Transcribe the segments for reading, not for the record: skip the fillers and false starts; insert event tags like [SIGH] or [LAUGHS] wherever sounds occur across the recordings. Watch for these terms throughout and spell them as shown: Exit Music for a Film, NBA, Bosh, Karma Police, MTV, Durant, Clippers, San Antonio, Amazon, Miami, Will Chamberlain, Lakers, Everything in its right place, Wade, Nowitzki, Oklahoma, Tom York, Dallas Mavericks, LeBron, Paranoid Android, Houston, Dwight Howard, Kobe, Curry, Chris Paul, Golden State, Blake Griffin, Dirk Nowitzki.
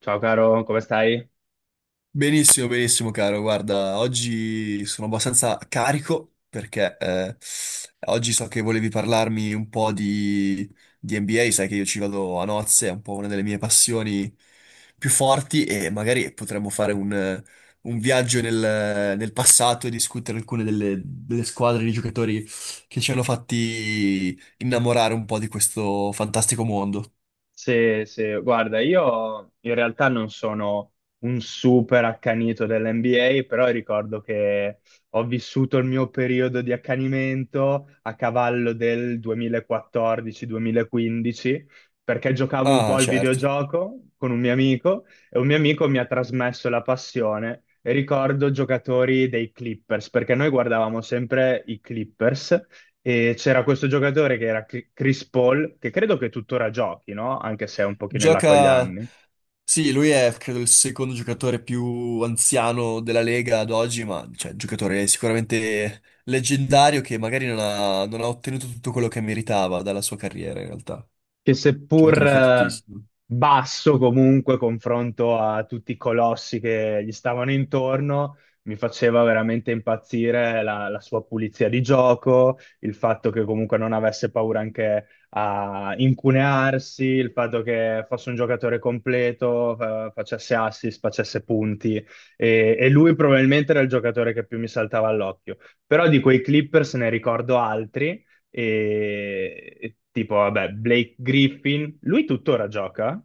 Ciao caro, come stai? Benissimo, benissimo, caro. Guarda, oggi sono abbastanza carico perché oggi so che volevi parlarmi un po' di NBA. Sai che io ci vado a nozze, è un po' una delle mie passioni più forti, e magari potremmo fare un viaggio nel passato e discutere alcune delle squadre di giocatori che ci hanno fatti innamorare un po' di questo fantastico mondo. Guarda, io in realtà non sono un super accanito dell'NBA, però ricordo che ho vissuto il mio periodo di accanimento a cavallo del 2014-2015, perché giocavo un po' Ah, al certo. videogioco con un mio amico e un mio amico mi ha trasmesso la passione. E ricordo giocatori dei Clippers, perché noi guardavamo sempre i Clippers. E c'era questo giocatore che era Chris Paul, che credo che tuttora giochi, no? Anche se è un pochino in là con gli Gioca... anni. Sì, lui è credo il secondo giocatore più anziano della Lega ad oggi, ma cioè, giocatore sicuramente leggendario che magari non ha ottenuto tutto quello che meritava dalla sua carriera, in realtà. Che seppur Giocatore fortissimo. basso comunque confronto a tutti i colossi che gli stavano intorno, mi faceva veramente impazzire la sua pulizia di gioco, il fatto che comunque non avesse paura anche a incunearsi, il fatto che fosse un giocatore completo, facesse assist, facesse punti e lui probabilmente era il giocatore che più mi saltava all'occhio. Però di quei Clippers ne ricordo altri e tipo, vabbè, Blake Griffin, lui tuttora gioca?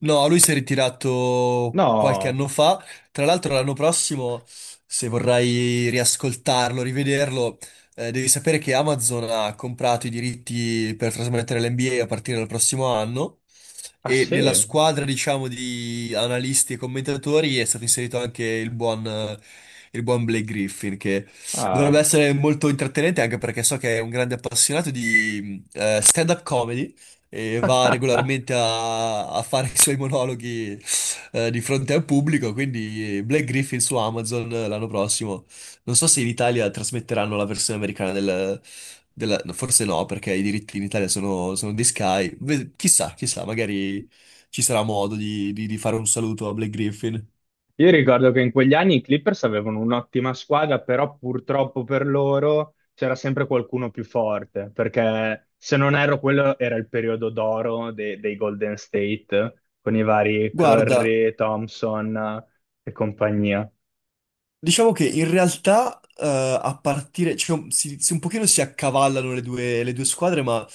No, lui si è ritirato qualche No, anno fa. Tra l'altro, l'anno prossimo, se vorrai riascoltarlo, rivederlo, devi sapere che Amazon ha comprato i diritti per trasmettere l'NBA a partire dal prossimo anno. ah E nella sì, squadra, diciamo, di analisti e commentatori, è stato inserito anche il buon Blake Griffin, che ah. dovrebbe essere molto intrattenente, anche perché so che è un grande appassionato di stand-up comedy e va [LAUGHS] regolarmente a fare i suoi monologhi di fronte al pubblico. Quindi Black Griffin su Amazon l'anno prossimo. Non so se in Italia trasmetteranno la versione americana no, forse no, perché i diritti in Italia sono di Sky. Chissà, chissà, magari ci sarà modo di fare un saluto a Black Griffin. Io ricordo che in quegli anni i Clippers avevano un'ottima squadra, però purtroppo per loro c'era sempre qualcuno più forte, perché se non ero quello era il periodo d'oro dei Golden State, con i vari Guarda, Curry, Thompson e compagnia. diciamo che in realtà a partire, cioè, un pochino si accavallano le due squadre, ma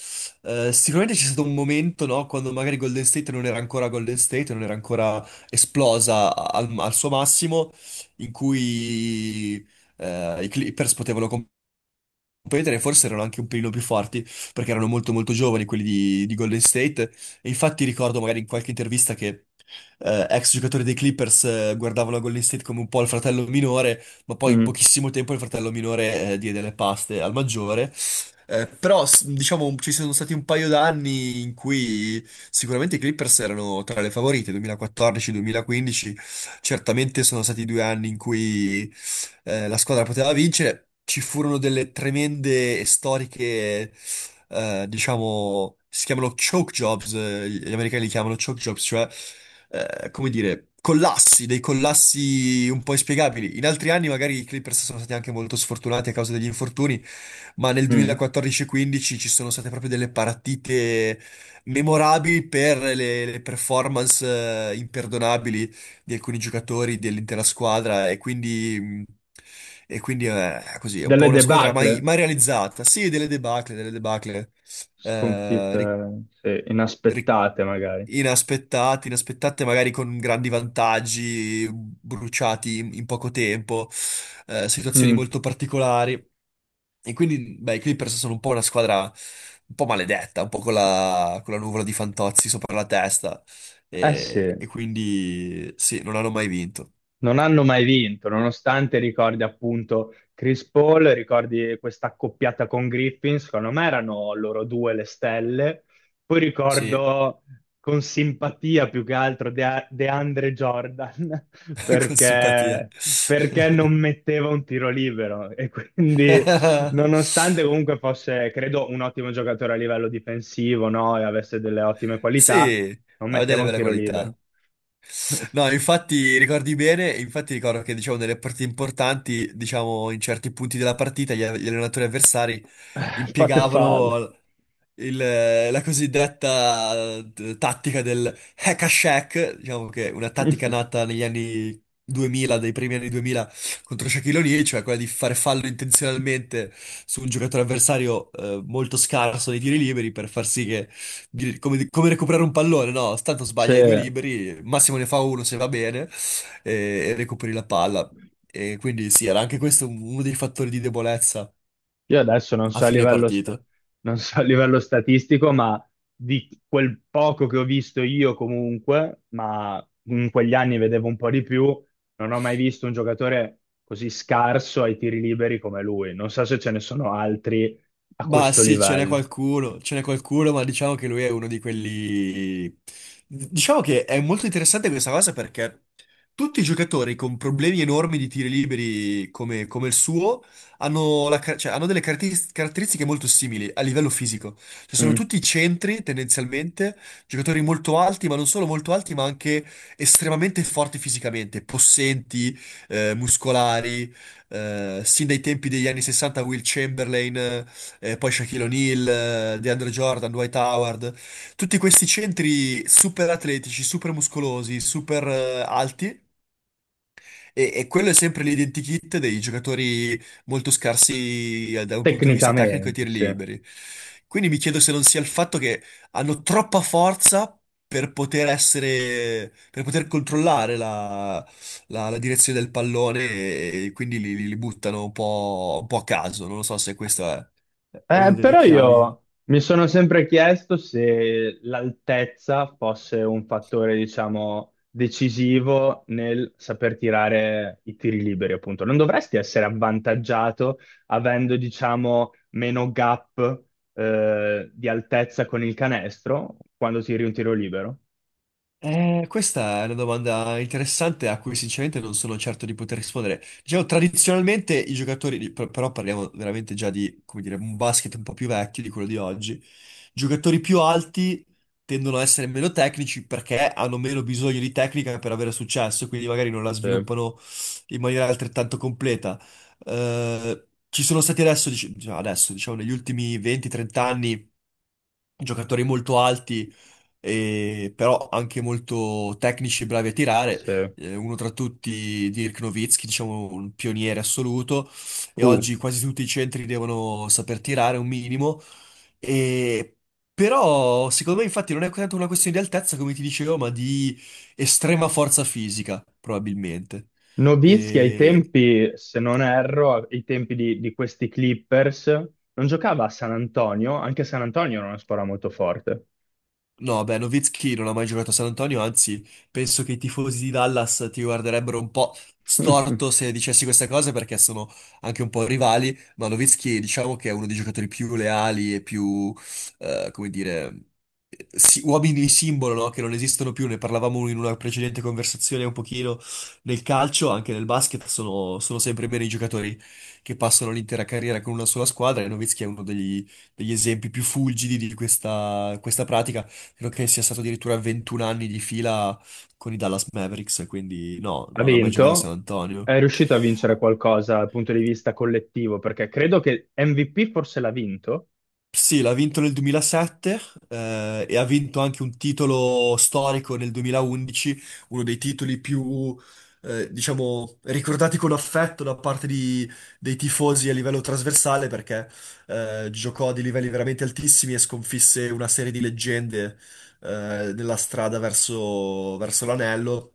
sicuramente c'è stato un momento, no, quando magari Golden State non era ancora Golden State, non era ancora esplosa al suo massimo, in cui i Clippers potevano, un paio di anni forse erano anche un pelino più forti, perché erano molto molto giovani quelli di Golden State. E infatti ricordo magari in qualche intervista che ex giocatori dei Clippers guardavano Golden State come un po' il fratello minore, ma poi in Mm, pochissimo tempo il fratello minore diede le paste al maggiore. Però diciamo ci sono stati un paio d'anni in cui sicuramente i Clippers erano tra le favorite, 2014-2015, certamente sono stati 2 anni in cui la squadra poteva vincere. Ci furono delle tremende e storiche, diciamo, si chiamano choke jobs, gli americani li chiamano choke jobs, cioè, come dire, collassi, dei collassi un po' inspiegabili. In altri anni magari i Clippers sono stati anche molto sfortunati a causa degli infortuni, ma nel mm. 2014-15 ci sono state proprio delle partite memorabili per le performance, imperdonabili, di alcuni giocatori dell'intera squadra. E quindi, è così, è un po' Delle una squadra debacle? mai realizzata. Sì, delle debacle, delle debacle. Eh, ri- Sconfitte, sì, ri- inaspettate magari. inaspettate magari, con grandi vantaggi bruciati in poco tempo, situazioni Mm. molto particolari. E quindi, beh, i Clippers sono un po' una squadra un po' maledetta, un po' con la nuvola di Fantozzi sopra la testa. Eh sì, E quindi, sì, non hanno mai vinto. non hanno mai vinto, nonostante ricordi appunto Chris Paul, ricordi questa accoppiata con Griffin, secondo me erano loro due le stelle. Poi Sì, ricordo con simpatia più che altro DeAndre Jordan, [LAUGHS] [LAUGHS] con simpatia. perché, [LAUGHS] perché non metteva un tiro libero e quindi nonostante comunque fosse, credo, un ottimo giocatore a livello difensivo, no? E avesse delle ottime Sì, qualità, non aveva metteva delle un belle tiro libero. qualità. [LAUGHS] No, infatti ricordi bene. Infatti ricordo che, diciamo, nelle partite importanti, diciamo in certi punti della partita, gli allenatori avversari Fate fallo. impiegavano il- la cosiddetta tattica del hack a shack. Diciamo che è una tattica [LAUGHS] nata negli anni 2000, dai primi anni 2000, contro Shaquille O'Neal, cioè quella di fare fallo intenzionalmente su un giocatore avversario molto scarso nei tiri liberi, per far sì che come recuperare un pallone, no? Tanto sbaglia i due Se- liberi, massimo ne fa uno se va bene, e, e recuperi la palla. E quindi sì, era anche questo uno dei fattori di debolezza Io adesso non a so a fine livello, partita. non so a livello statistico, ma di quel poco che ho visto io comunque, ma in quegli anni vedevo un po' di più, non ho mai visto un giocatore così scarso ai tiri liberi come lui. Non so se ce ne sono altri a Ma questo sì, livello. Ce n'è qualcuno, ma diciamo che lui è uno di quelli... Diciamo che è molto interessante questa cosa, perché tutti i giocatori con problemi enormi di tiri liberi come il suo hanno, hanno delle caratteristiche molto simili a livello fisico. Cioè, sono Mm. tutti centri tendenzialmente, giocatori molto alti, ma non solo molto alti, ma anche estremamente forti fisicamente, possenti, muscolari, sin dai tempi degli anni 60, Will Chamberlain, poi Shaquille O'Neal, DeAndre Jordan, Dwight Howard, tutti questi centri super atletici, super muscolosi, super alti, e quello è sempre l'identikit dei giocatori molto scarsi da un punto di vista tecnico e Tecnicamente, tiri sì. liberi. Quindi mi chiedo se non sia il fatto che hanno troppa forza per poter essere, per poter controllare la direzione del pallone, e quindi li buttano un po' a caso. Non lo so se questa è una delle Però io chiavi. mi sono sempre chiesto se l'altezza fosse un fattore, diciamo, decisivo nel saper tirare i tiri liberi, appunto. Non dovresti essere avvantaggiato avendo, diciamo, meno gap, di altezza con il canestro quando tiri un tiro libero? Questa è una domanda interessante a cui sinceramente non sono certo di poter rispondere. Diciamo, tradizionalmente i giocatori, però parliamo veramente già di, come dire, un basket un po' più vecchio di quello di oggi. Giocatori più alti tendono a essere meno tecnici perché hanno meno bisogno di tecnica per avere successo, quindi magari non la Sì, sviluppano in maniera altrettanto completa. Ci sono stati, adesso, adesso, diciamo, negli ultimi 20-30 anni, giocatori molto alti però anche molto tecnici e bravi a tirare. sì. Uno tra tutti, Dirk Nowitzki, diciamo un pioniere assoluto, e Uh. oggi quasi tutti i centri devono saper tirare un minimo. E- Però secondo me, infatti, non è tanto una questione di altezza, come ti dicevo, ma di estrema forza fisica, probabilmente. Nowitzki ai tempi, se non erro, ai tempi di questi Clippers, non giocava a San Antonio, anche San Antonio era una squadra molto forte. No, beh, Nowitzki non ha mai giocato a San Antonio, anzi, penso che i tifosi di Dallas ti guarderebbero un po' [LAUGHS] storto se dicessi queste cose, perché sono anche un po' rivali. Ma Nowitzki, diciamo che è uno dei giocatori più leali e più, come dire, uomini simbolo, no? Che non esistono più. Ne parlavamo in una precedente conversazione un pochino, nel calcio, anche nel basket, sono sempre bene i giocatori che passano l'intera carriera con una sola squadra, e Nowitzki è uno degli esempi più fulgidi di questa pratica. Credo che sia stato addirittura 21 anni di fila con i Dallas Mavericks, quindi no, Ha non ha mai giocato a San vinto, Antonio. è riuscito a vincere qualcosa dal punto di vista collettivo, perché credo che MVP forse l'ha vinto. Sì, l'ha vinto nel 2007, e ha vinto anche un titolo storico nel 2011, uno dei titoli più, diciamo, ricordati con affetto da parte dei tifosi a livello trasversale, perché giocò a dei livelli veramente altissimi e sconfisse una serie di leggende nella strada verso l'anello,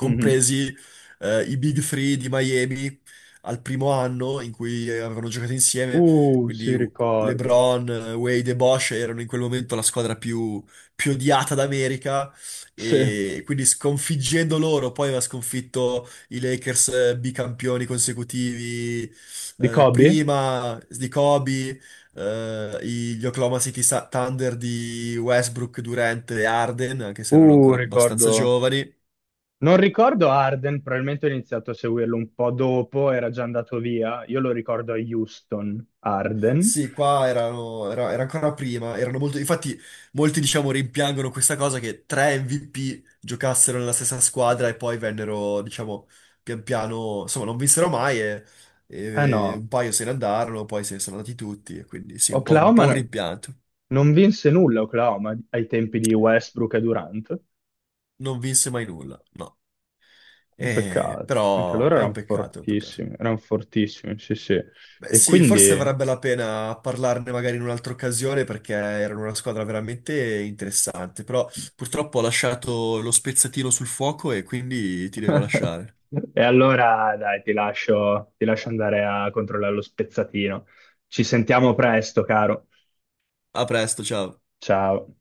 Mhm. I Big Three di Miami al primo anno in cui avevano giocato insieme. Sì, Quindi ricordo. LeBron, Wade e Bosh erano in quel momento la squadra più odiata d'America, Sì. e quindi, sconfiggendo loro, poi aveva sconfitto i Lakers, bicampioni consecutivi Di Kobe? prima di Kobe, gli Oklahoma City Thunder di Westbrook, Durant e Arden, anche se erano ancora abbastanza Ricordo. giovani. Non ricordo Arden, probabilmente ho iniziato a seguirlo un po' dopo, era già andato via. Io lo ricordo a Houston, Arden. Sì, qua erano, era ancora prima, erano molto, infatti molti diciamo rimpiangono questa cosa, che tre MVP giocassero nella stessa squadra, e poi vennero, diciamo, pian piano, insomma, non vinsero mai, Eh e no, un paio se ne andarono, poi se ne sono andati tutti, e quindi sì, un po', un Oklahoma po' un no- rimpianto. non vinse nulla Oklahoma ai tempi di Westbrook e Durant. Non vinse mai nulla, no. Un peccato, anche Però loro è un peccato, è un peccato. Erano fortissimi, sì sì. Beh, E sì, forse quindi... varrebbe la pena parlarne magari in un'altra occasione perché erano una squadra veramente interessante, però purtroppo ho lasciato lo spezzatino sul fuoco e quindi ti devo [LAUGHS] lasciare. E allora dai, ti lascio andare a controllare lo spezzatino. Ci sentiamo presto, caro. A presto, ciao. Ciao.